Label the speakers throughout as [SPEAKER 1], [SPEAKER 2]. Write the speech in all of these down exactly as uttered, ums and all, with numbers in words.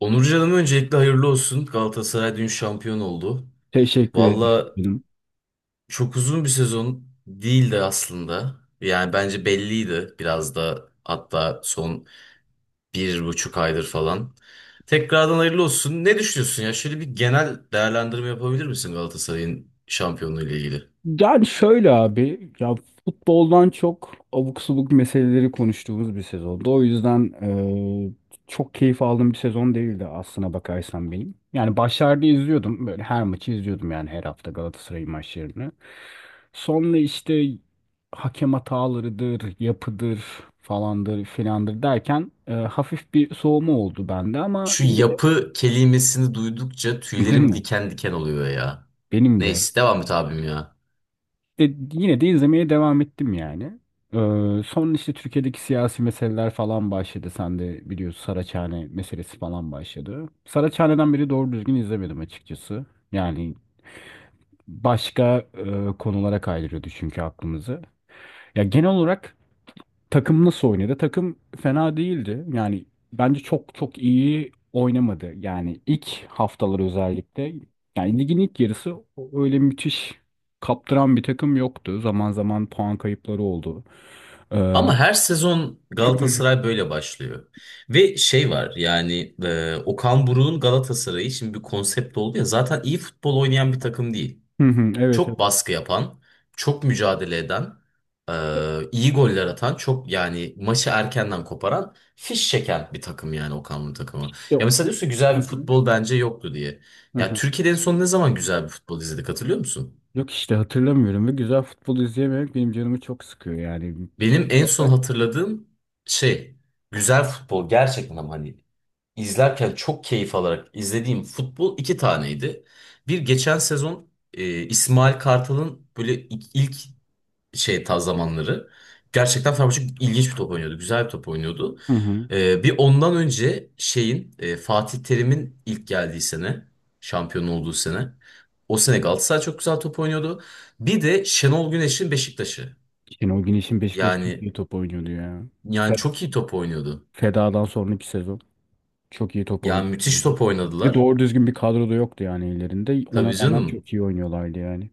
[SPEAKER 1] Onurcan'ım öncelikle hayırlı olsun. Galatasaray dün şampiyon oldu.
[SPEAKER 2] Teşekkür
[SPEAKER 1] Valla
[SPEAKER 2] ederim.
[SPEAKER 1] çok uzun bir sezon değildi aslında. Yani bence belliydi biraz da hatta son bir buçuk aydır falan. Tekrardan hayırlı olsun. Ne düşünüyorsun ya? Şöyle bir genel değerlendirme yapabilir misin Galatasaray'ın şampiyonluğu ile ilgili?
[SPEAKER 2] Yani şöyle abi, ya futboldan çok abuk subuk meseleleri konuştuğumuz bir sezondu. O yüzden e, çok keyif aldığım bir sezon değildi aslına bakarsan benim. Yani başlarda izliyordum, böyle her maçı izliyordum yani her hafta Galatasaray'ın maçlarını. Sonra işte hakem hatalarıdır, yapıdır falandır filandır derken e, hafif bir soğuma oldu bende ama
[SPEAKER 1] Şu
[SPEAKER 2] yine de
[SPEAKER 1] yapı kelimesini duydukça
[SPEAKER 2] değil
[SPEAKER 1] tüylerim
[SPEAKER 2] mi?
[SPEAKER 1] diken diken oluyor ya.
[SPEAKER 2] Benim de.
[SPEAKER 1] Neyse devam et abim ya.
[SPEAKER 2] E, Yine de izlemeye devam ettim yani. Ee, son işte Türkiye'deki siyasi meseleler falan başladı. Sen de biliyorsun Saraçhane meselesi falan başladı. Saraçhane'den beri doğru düzgün izlemedim açıkçası. Yani başka e, konulara kaydırıyordu çünkü aklımızı. Ya genel olarak takım nasıl oynadı? Takım fena değildi. Yani bence çok çok iyi oynamadı. Yani ilk haftalar özellikle. Yani ligin ilk yarısı öyle müthiş kaptıran bir takım yoktu. Zaman zaman puan kayıpları oldu. Ee, hı
[SPEAKER 1] Ama her sezon Galatasaray böyle başlıyor. Ve şey var yani e, Okan Buruk'un Galatasaray için bir konsept oldu ya zaten iyi futbol oynayan bir takım değil.
[SPEAKER 2] hı, evet
[SPEAKER 1] Çok
[SPEAKER 2] evet.
[SPEAKER 1] baskı yapan, çok mücadele eden,
[SPEAKER 2] E,
[SPEAKER 1] e, iyi goller atan, çok yani maçı erkenden koparan, fiş çeken bir takım yani Okan Buruk takımı. Ya
[SPEAKER 2] Yok.
[SPEAKER 1] mesela diyorsun güzel
[SPEAKER 2] Hı
[SPEAKER 1] bir
[SPEAKER 2] hı,
[SPEAKER 1] futbol bence yoktu diye.
[SPEAKER 2] hı
[SPEAKER 1] Ya
[SPEAKER 2] hı.
[SPEAKER 1] Türkiye'de en son ne zaman güzel bir futbol izledik hatırlıyor musun?
[SPEAKER 2] Yok işte hatırlamıyorum ve güzel futbol izleyememek benim canımı çok sıkıyor yani. Sonuç
[SPEAKER 1] Benim en son
[SPEAKER 2] olarak.
[SPEAKER 1] hatırladığım şey güzel futbol gerçekten ama hani izlerken çok keyif alarak izlediğim futbol iki taneydi. Bir geçen sezon e, İsmail Kartal'ın böyle ilk, ilk şey ta zamanları. Gerçekten Fenerbahçe ilginç bir top oynuyordu. Güzel bir top oynuyordu.
[SPEAKER 2] Hı hı.
[SPEAKER 1] E, bir ondan önce şeyin e, Fatih Terim'in ilk geldiği sene. Şampiyon olduğu sene. O sene Galatasaray çok güzel top oynuyordu. Bir de Şenol Güneş'in Beşiktaş'ı.
[SPEAKER 2] Şenol Güneş'in Beşiktaş çok
[SPEAKER 1] Yani
[SPEAKER 2] iyi top oynuyordu ya.
[SPEAKER 1] yani
[SPEAKER 2] Fe-
[SPEAKER 1] çok iyi top oynuyordu.
[SPEAKER 2] Feda'dan sonraki sezon. Çok iyi top
[SPEAKER 1] Yani müthiş
[SPEAKER 2] oynuyorlardı.
[SPEAKER 1] top
[SPEAKER 2] Bir de
[SPEAKER 1] oynadılar.
[SPEAKER 2] doğru düzgün bir kadro da yoktu yani ellerinde. Ona
[SPEAKER 1] Tabii
[SPEAKER 2] rağmen
[SPEAKER 1] canım.
[SPEAKER 2] çok iyi oynuyorlardı yani.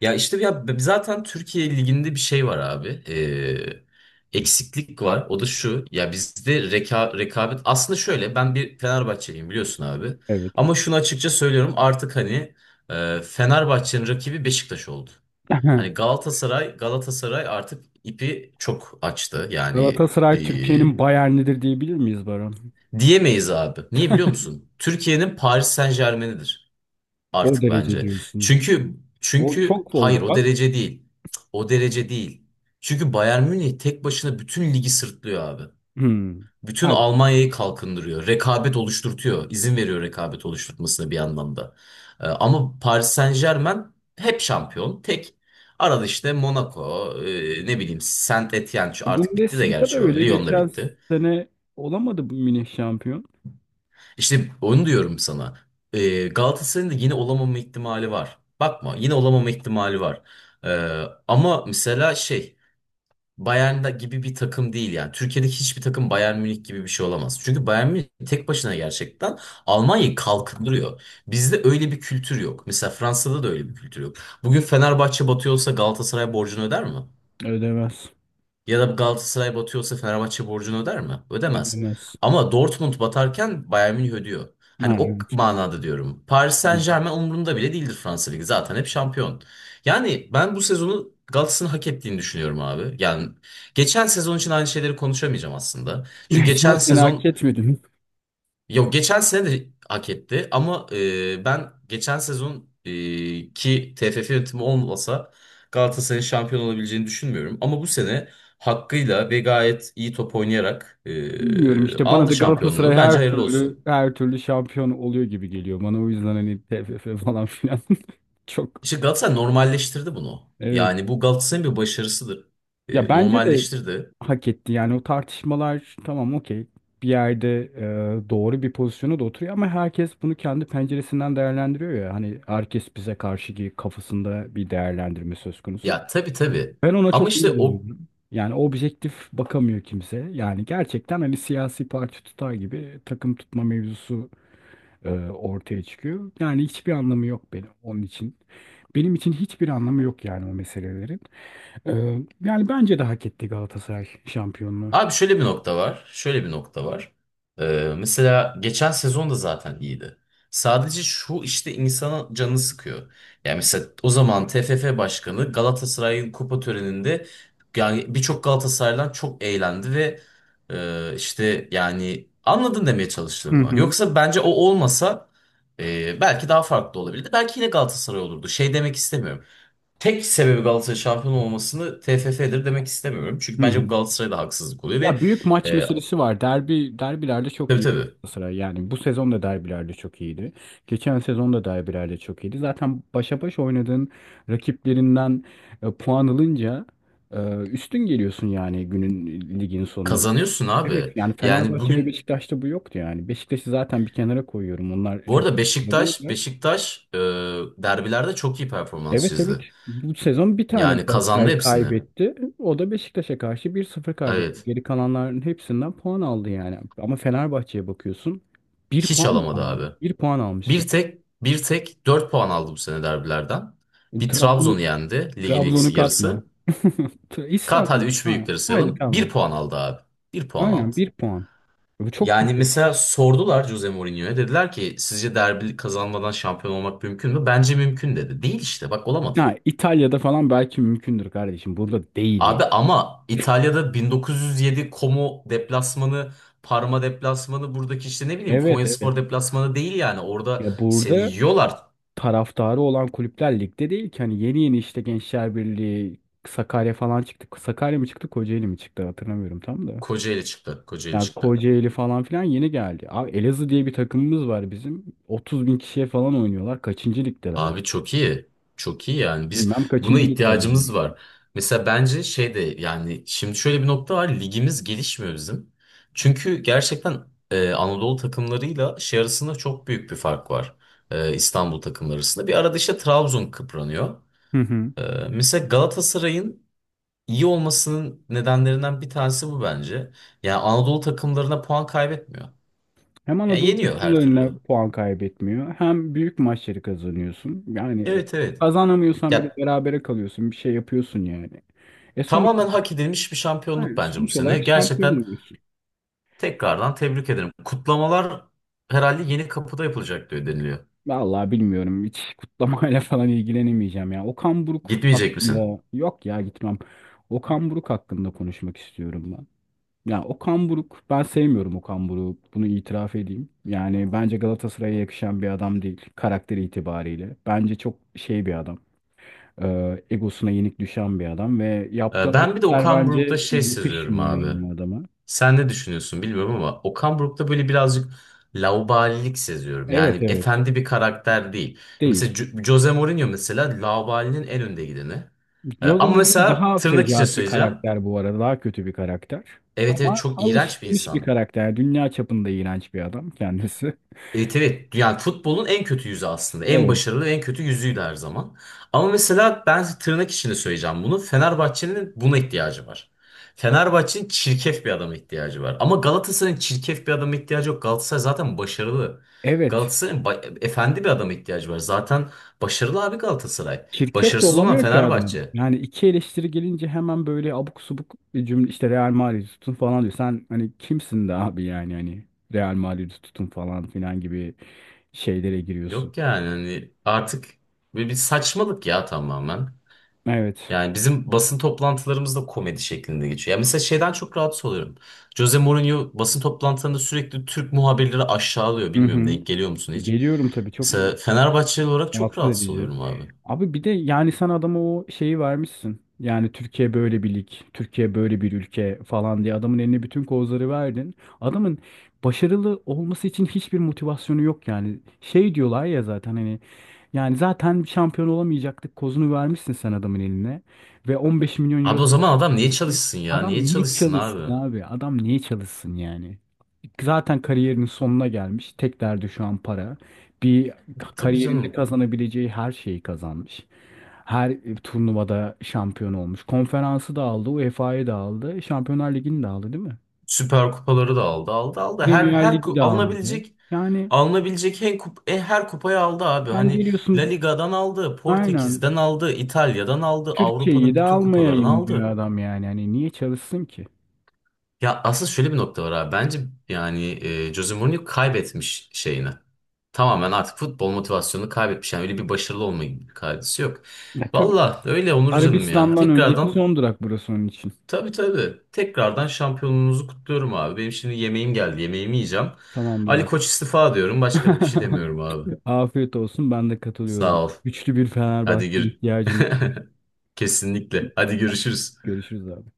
[SPEAKER 1] Ya işte ya b- zaten Türkiye Ligi'nde bir şey var abi. Ee, eksiklik var. O da şu. Ya bizde reka- rekabet aslında şöyle. Ben bir Fenerbahçeliyim biliyorsun abi.
[SPEAKER 2] Evet.
[SPEAKER 1] Ama şunu açıkça söylüyorum. Artık hani e, Fenerbahçe'nin rakibi Beşiktaş oldu. Hani Galatasaray Galatasaray artık ipi çok açtı. Yani e,
[SPEAKER 2] Galatasaray Türkiye'nin Bayern'idir diyebilir miyiz Baran?
[SPEAKER 1] diyemeyiz abi. Niye biliyor musun? Türkiye'nin Paris Saint-Germain'idir
[SPEAKER 2] O
[SPEAKER 1] artık
[SPEAKER 2] derece
[SPEAKER 1] bence.
[SPEAKER 2] diyorsun.
[SPEAKER 1] Çünkü
[SPEAKER 2] O
[SPEAKER 1] çünkü
[SPEAKER 2] çok
[SPEAKER 1] hayır
[SPEAKER 2] oldu
[SPEAKER 1] o
[SPEAKER 2] lan.
[SPEAKER 1] derece değil. O derece değil. Çünkü Bayern Münih tek başına bütün ligi sırtlıyor abi.
[SPEAKER 2] Hmm.
[SPEAKER 1] Bütün
[SPEAKER 2] Ha,
[SPEAKER 1] Almanya'yı kalkındırıyor. Rekabet oluşturtuyor. İzin veriyor rekabet oluşturmasına bir anlamda. Ee, ama Paris Saint-Germain hep şampiyon. Tek. Arada işte Monaco, e, ne bileyim Saint-Étienne şu artık bitti de
[SPEAKER 2] Bundesliga da
[SPEAKER 1] gerçi o.
[SPEAKER 2] öyle.
[SPEAKER 1] Lyon da
[SPEAKER 2] Geçen
[SPEAKER 1] bitti.
[SPEAKER 2] sene olamadı bu Münih şampiyon.
[SPEAKER 1] İşte onu diyorum sana. Ee, Galatasaray'ın da yine olamama ihtimali var. Bakma yine olamama ihtimali var. Ee, ama mesela şey Bayern'da gibi bir takım değil yani. Türkiye'deki hiçbir takım Bayern Münih gibi bir şey olamaz. Çünkü Bayern Münih tek başına gerçekten Almanya'yı kalkındırıyor. Bizde öyle bir kültür yok. Mesela Fransa'da da öyle bir kültür yok. Bugün Fenerbahçe batıyorsa Galatasaray borcunu öder mi?
[SPEAKER 2] Ödemez.
[SPEAKER 1] Ya da Galatasaray batıyorsa Fenerbahçe borcunu öder mi? Ödemez.
[SPEAKER 2] Ödemez.
[SPEAKER 1] Ama Dortmund batarken Bayern Münih ödüyor. Hani
[SPEAKER 2] Ha,
[SPEAKER 1] o
[SPEAKER 2] evet.
[SPEAKER 1] manada diyorum. Paris Saint-Germain umurunda bile değildir Fransa Ligi. Zaten hep şampiyon. Yani ben bu sezonu Galatasaray'ın hak ettiğini düşünüyorum abi. Yani geçen sezon için aynı şeyleri konuşamayacağım aslında. Çünkü
[SPEAKER 2] Geçen
[SPEAKER 1] geçen
[SPEAKER 2] sene hak
[SPEAKER 1] sezon.
[SPEAKER 2] etmedi.
[SPEAKER 1] Yok geçen sene de hak etti ama e, ben geçen sezon e, ki T F F yönetimi olmasa Galatasaray'ın şampiyon olabileceğini düşünmüyorum. Ama bu sene hakkıyla ve gayet iyi top oynayarak
[SPEAKER 2] Bilmiyorum
[SPEAKER 1] e,
[SPEAKER 2] işte, bana
[SPEAKER 1] aldı
[SPEAKER 2] da Galatasaray
[SPEAKER 1] şampiyonluğu. Bence
[SPEAKER 2] her
[SPEAKER 1] hayırlı
[SPEAKER 2] türlü
[SPEAKER 1] olsun.
[SPEAKER 2] her türlü şampiyon oluyor gibi geliyor bana. O yüzden hani T F F falan filan çok
[SPEAKER 1] İşte Galatasaray normalleştirdi bunu.
[SPEAKER 2] evet,
[SPEAKER 1] Yani bu Galatasaray'ın bir başarısıdır.
[SPEAKER 2] ya
[SPEAKER 1] E,
[SPEAKER 2] bence de
[SPEAKER 1] normalleştirdi.
[SPEAKER 2] hak etti yani. O tartışmalar tamam, okey, bir yerde e, doğru bir pozisyona da oturuyor, ama herkes bunu kendi penceresinden değerlendiriyor ya. Hani herkes bize karşı ki kafasında bir değerlendirme söz konusu,
[SPEAKER 1] Ya tabii tabii.
[SPEAKER 2] ben ona
[SPEAKER 1] Ama
[SPEAKER 2] çok
[SPEAKER 1] işte o.
[SPEAKER 2] üzülüyorum yani. Objektif bakamıyor kimse yani gerçekten, hani siyasi parti tutar gibi takım tutma mevzusu e, ortaya çıkıyor. Yani hiçbir anlamı yok benim onun için. Benim için hiçbir anlamı yok yani o meselelerin. E, Yani bence de hak etti Galatasaray şampiyonluğu.
[SPEAKER 1] Abi şöyle bir nokta var. Şöyle bir nokta var. Ee, mesela geçen sezon da zaten iyiydi. Sadece şu işte insanın canını sıkıyor. Yani mesela o zaman T F F Başkanı Galatasaray'ın kupa töreninde yani birçok Galatasaraylı'dan çok eğlendi ve e, işte yani anladın demeye
[SPEAKER 2] Hı
[SPEAKER 1] çalıştığımı.
[SPEAKER 2] hı.
[SPEAKER 1] Yoksa bence o olmasa e, belki daha farklı olabilirdi. Belki yine Galatasaray olurdu. Şey demek istemiyorum tek sebebi Galatasaray şampiyon olmasını T F F'dir demek istemiyorum.
[SPEAKER 2] Hı
[SPEAKER 1] Çünkü
[SPEAKER 2] hı.
[SPEAKER 1] bence bu Galatasaray'da haksızlık oluyor ve
[SPEAKER 2] Ya büyük maç
[SPEAKER 1] e,
[SPEAKER 2] meselesi var. Derbi derbilerde çok
[SPEAKER 1] tabii
[SPEAKER 2] iyi
[SPEAKER 1] tabii
[SPEAKER 2] Galatasaray. Yani bu sezon da derbilerde çok iyiydi. Geçen sezon da derbilerde çok iyiydi. Zaten başa baş oynadığın rakiplerinden e, puan alınca e, üstün geliyorsun yani günün ligin sonunda.
[SPEAKER 1] kazanıyorsun
[SPEAKER 2] Evet,
[SPEAKER 1] abi.
[SPEAKER 2] yani
[SPEAKER 1] Yani
[SPEAKER 2] Fenerbahçe ve
[SPEAKER 1] bugün
[SPEAKER 2] Beşiktaş'ta bu yoktu yani. Beşiktaş'ı zaten bir kenara koyuyorum. Onlar
[SPEAKER 1] bu
[SPEAKER 2] çok
[SPEAKER 1] arada
[SPEAKER 2] da
[SPEAKER 1] Beşiktaş
[SPEAKER 2] değiller.
[SPEAKER 1] Beşiktaş e, derbilerde çok iyi performans
[SPEAKER 2] Evet, evet.
[SPEAKER 1] çizdi.
[SPEAKER 2] Bu sezon bir tane
[SPEAKER 1] Yani kazandı
[SPEAKER 2] Galatasaray
[SPEAKER 1] hepsini.
[SPEAKER 2] kaybetti. O da Beşiktaş'a karşı bir sıfır kaybetti.
[SPEAKER 1] Evet.
[SPEAKER 2] Geri kalanların hepsinden puan aldı yani. Ama Fenerbahçe'ye bakıyorsun. Bir
[SPEAKER 1] Hiç
[SPEAKER 2] puan
[SPEAKER 1] alamadı
[SPEAKER 2] almış.
[SPEAKER 1] abi.
[SPEAKER 2] Bir puan almış.
[SPEAKER 1] Bir tek bir tek dört puan aldı bu sene derbilerden. Bir
[SPEAKER 2] Trabzon,
[SPEAKER 1] Trabzon'u yendi ligin ilk
[SPEAKER 2] Trabzon'u katma.
[SPEAKER 1] yarısı.
[SPEAKER 2] T-
[SPEAKER 1] Kat hadi
[SPEAKER 2] İstanbul.
[SPEAKER 1] üç
[SPEAKER 2] Ha,
[SPEAKER 1] büyükleri
[SPEAKER 2] haydi
[SPEAKER 1] sayalım. Bir
[SPEAKER 2] tamam.
[SPEAKER 1] puan aldı abi. Bir puan
[SPEAKER 2] Aynen,
[SPEAKER 1] aldı.
[SPEAKER 2] bir puan. Bu çok
[SPEAKER 1] Yani
[SPEAKER 2] kötü.
[SPEAKER 1] mesela sordular Jose Mourinho'ya. Dediler ki sizce derbi kazanmadan şampiyon olmak mümkün mü? Bence mümkün dedi. Değil işte bak olamadın.
[SPEAKER 2] Ha, İtalya'da falan belki mümkündür kardeşim. Burada değil yani.
[SPEAKER 1] Abi ama İtalya'da bin dokuz yüz yedi Como deplasmanı, Parma deplasmanı buradaki işte ne bileyim
[SPEAKER 2] Evet, evet.
[SPEAKER 1] Konyaspor deplasmanı değil yani. Orada
[SPEAKER 2] Ya
[SPEAKER 1] seni
[SPEAKER 2] burada
[SPEAKER 1] yiyorlar.
[SPEAKER 2] taraftarı olan kulüpler ligde değil ki. Hani yeni yeni işte Gençler Birliği, Sakarya falan çıktı. Sakarya mı çıktı, Kocaeli mi çıktı hatırlamıyorum tam da.
[SPEAKER 1] Kocaeli çıktı. Kocaeli
[SPEAKER 2] Yani
[SPEAKER 1] çıktı.
[SPEAKER 2] Kocaeli falan filan yeni geldi. Abi Elazığ diye bir takımımız var bizim. 30 bin kişiye falan oynuyorlar. Kaçıncı ligdeler?
[SPEAKER 1] Abi çok iyi. Çok iyi yani. Biz
[SPEAKER 2] Bilmem
[SPEAKER 1] buna
[SPEAKER 2] kaçıncı ligdeler.
[SPEAKER 1] ihtiyacımız
[SPEAKER 2] Yani.
[SPEAKER 1] var. Mesela bence şey de yani şimdi şöyle bir nokta var. Ligimiz gelişmiyor bizim. Çünkü gerçekten e, Anadolu takımlarıyla şey arasında çok büyük bir fark var. E, İstanbul takımları arasında. Bir arada işte Trabzon kıpranıyor.
[SPEAKER 2] Hı hı.
[SPEAKER 1] E, Mesela Galatasaray'ın iyi olmasının nedenlerinden bir tanesi bu bence. Yani Anadolu takımlarına puan kaybetmiyor.
[SPEAKER 2] Hem
[SPEAKER 1] Yani
[SPEAKER 2] Anadolu
[SPEAKER 1] yeniyor her
[SPEAKER 2] takımlarına
[SPEAKER 1] türlü.
[SPEAKER 2] puan kaybetmiyor, hem büyük maçları kazanıyorsun. Yani
[SPEAKER 1] Evet, evet.
[SPEAKER 2] kazanamıyorsan bile
[SPEAKER 1] Ya
[SPEAKER 2] berabere kalıyorsun. Bir şey yapıyorsun yani. E sonuç,
[SPEAKER 1] tamamen hak edilmiş bir şampiyonluk
[SPEAKER 2] yani
[SPEAKER 1] bence bu
[SPEAKER 2] sonuç
[SPEAKER 1] sene.
[SPEAKER 2] olarak şampiyon
[SPEAKER 1] Gerçekten
[SPEAKER 2] oluyorsun.
[SPEAKER 1] tekrardan tebrik ederim. Kutlamalar herhalde yeni kapıda yapılacak diyor deniliyor.
[SPEAKER 2] Vallahi bilmiyorum. Hiç kutlamayla falan ilgilenemeyeceğim ya. Okan Buruk
[SPEAKER 1] Gitmeyecek misin?
[SPEAKER 2] hakkında, yok ya, gitmem. Okan Buruk hakkında konuşmak istiyorum ben. Ya Okan Buruk, ben sevmiyorum Okan Buruk. Bunu itiraf edeyim. Yani bence Galatasaray'a yakışan bir adam değil karakteri itibariyle. Bence çok şey bir adam. Ee, egosuna yenik düşen bir adam ve yaptığı
[SPEAKER 1] Ee, Ben bir de
[SPEAKER 2] hareketler
[SPEAKER 1] Okan Buruk'ta
[SPEAKER 2] bence
[SPEAKER 1] şey seziyorum
[SPEAKER 2] yakışmıyor
[SPEAKER 1] abi.
[SPEAKER 2] yani adama.
[SPEAKER 1] Sen ne düşünüyorsun bilmiyorum ama Okan Buruk'ta böyle birazcık laubalilik seziyorum.
[SPEAKER 2] Evet,
[SPEAKER 1] Yani
[SPEAKER 2] evet.
[SPEAKER 1] efendi bir karakter değil. Mesela
[SPEAKER 2] Değil.
[SPEAKER 1] Jo- Jose Mourinho mesela laubalinin en önde gideni. Ee,
[SPEAKER 2] Jordan
[SPEAKER 1] Ama
[SPEAKER 2] Ivy
[SPEAKER 1] mesela
[SPEAKER 2] daha
[SPEAKER 1] tırnak içine
[SPEAKER 2] fecaat bir
[SPEAKER 1] söyleyeceğim.
[SPEAKER 2] karakter bu arada. Daha kötü bir karakter.
[SPEAKER 1] Evet, evet,
[SPEAKER 2] Ama
[SPEAKER 1] çok iğrenç bir
[SPEAKER 2] alışılmış bir
[SPEAKER 1] insan.
[SPEAKER 2] karakter. Dünya çapında iğrenç bir adam kendisi.
[SPEAKER 1] Evet, evet, yani futbolun en kötü yüzü aslında. En
[SPEAKER 2] Evet.
[SPEAKER 1] başarılı en kötü yüzüydü her zaman. Ama mesela ben tırnak içinde söyleyeceğim bunu. Fenerbahçe'nin buna ihtiyacı var. Fenerbahçe'nin çirkef bir adama ihtiyacı var. Ama Galatasaray'ın çirkef bir adama ihtiyacı yok. Galatasaray zaten başarılı.
[SPEAKER 2] Evet.
[SPEAKER 1] Galatasaray'ın ba- efendi bir adama ihtiyacı var. Zaten başarılı abi Galatasaray.
[SPEAKER 2] Çirkef de
[SPEAKER 1] Başarısız olan
[SPEAKER 2] olamıyor ki adam.
[SPEAKER 1] Fenerbahçe.
[SPEAKER 2] Yani iki eleştiri gelince hemen böyle abuk subuk bir cümle, işte Real Madrid'i tutun falan diyor. Sen hani kimsin de abi, yani hani Real Madrid'i tutun falan filan gibi şeylere giriyorsun.
[SPEAKER 1] Yok yani hani artık bir, bir saçmalık ya tamamen.
[SPEAKER 2] Evet.
[SPEAKER 1] Yani bizim basın toplantılarımız da komedi şeklinde geçiyor. Ya mesela şeyden çok rahatsız oluyorum. Jose Mourinho basın toplantılarında sürekli Türk muhabirleri aşağılıyor.
[SPEAKER 2] Hı
[SPEAKER 1] Bilmiyorum
[SPEAKER 2] hı.
[SPEAKER 1] denk geliyor musun hiç?
[SPEAKER 2] Geliyorum tabii, çok
[SPEAKER 1] Mesela Fenerbahçeli olarak çok
[SPEAKER 2] rahatsız
[SPEAKER 1] rahatsız
[SPEAKER 2] edici.
[SPEAKER 1] oluyorum abi.
[SPEAKER 2] Abi bir de yani sen adama o şeyi vermişsin. Yani Türkiye böyle bir lig, Türkiye böyle bir ülke falan diye adamın eline bütün kozları verdin. Adamın başarılı olması için hiçbir motivasyonu yok yani. Şey diyorlar ya, zaten hani yani zaten şampiyon olamayacaktık kozunu vermişsin sen adamın eline. Ve 15 milyon
[SPEAKER 1] Abi
[SPEAKER 2] euro da
[SPEAKER 1] o zaman
[SPEAKER 2] maaş
[SPEAKER 1] adam niye
[SPEAKER 2] veriyorsun.
[SPEAKER 1] çalışsın ya?
[SPEAKER 2] Adam
[SPEAKER 1] Niye
[SPEAKER 2] niye
[SPEAKER 1] çalışsın
[SPEAKER 2] çalışsın
[SPEAKER 1] abi?
[SPEAKER 2] abi? Adam niye çalışsın yani? Zaten kariyerinin sonuna gelmiş. Tek derdi şu an para. Bir
[SPEAKER 1] Tabii
[SPEAKER 2] kariyerinde
[SPEAKER 1] canım.
[SPEAKER 2] kazanabileceği her şeyi kazanmış. Her turnuvada şampiyon olmuş. Konferansı da aldı, uefayı da aldı, Şampiyonlar Ligi'ni de aldı, değil mi?
[SPEAKER 1] Süper kupaları da aldı, aldı, aldı. Her
[SPEAKER 2] Premier
[SPEAKER 1] her
[SPEAKER 2] Ligi
[SPEAKER 1] ku-
[SPEAKER 2] de aldı.
[SPEAKER 1] alınabilecek
[SPEAKER 2] Yani
[SPEAKER 1] alınabilecek en kup e, her kupayı aldı abi.
[SPEAKER 2] sen
[SPEAKER 1] Hani La
[SPEAKER 2] geliyorsun,
[SPEAKER 1] Liga'dan aldı,
[SPEAKER 2] aynen,
[SPEAKER 1] Portekiz'den aldı, İtalya'dan aldı,
[SPEAKER 2] Türkiye'yi
[SPEAKER 1] Avrupa'nın
[SPEAKER 2] de
[SPEAKER 1] bütün kupalarını
[SPEAKER 2] almayayım diyor
[SPEAKER 1] aldı.
[SPEAKER 2] adam yani. Yani niye çalışsın ki?
[SPEAKER 1] Ya asıl şöyle bir nokta var abi. Bence yani e, Jose Mourinho kaybetmiş şeyini. Tamamen artık futbol motivasyonunu kaybetmiş. Yani öyle bir başarılı olma gibi bir kaidesi yok.
[SPEAKER 2] E tabii.
[SPEAKER 1] Valla öyle Onur canım ya.
[SPEAKER 2] Arabistan'dan önceki
[SPEAKER 1] Tekrardan
[SPEAKER 2] son durak burası onun için.
[SPEAKER 1] tabii tabii. Tekrardan şampiyonluğunuzu kutluyorum abi. Benim şimdi yemeğim geldi. Yemeğimi yiyeceğim.
[SPEAKER 2] Tamamdır
[SPEAKER 1] Ali Koç
[SPEAKER 2] abi.
[SPEAKER 1] istifa diyorum. Başka da bir şey demiyorum abi.
[SPEAKER 2] Afiyet olsun. Ben de katılıyorum.
[SPEAKER 1] Sağ ol.
[SPEAKER 2] Güçlü bir Fenerbahçe
[SPEAKER 1] Hadi gir.
[SPEAKER 2] ihtiyacımız var.
[SPEAKER 1] Kesinlikle. Hadi görüşürüz.
[SPEAKER 2] Görüşürüz abi.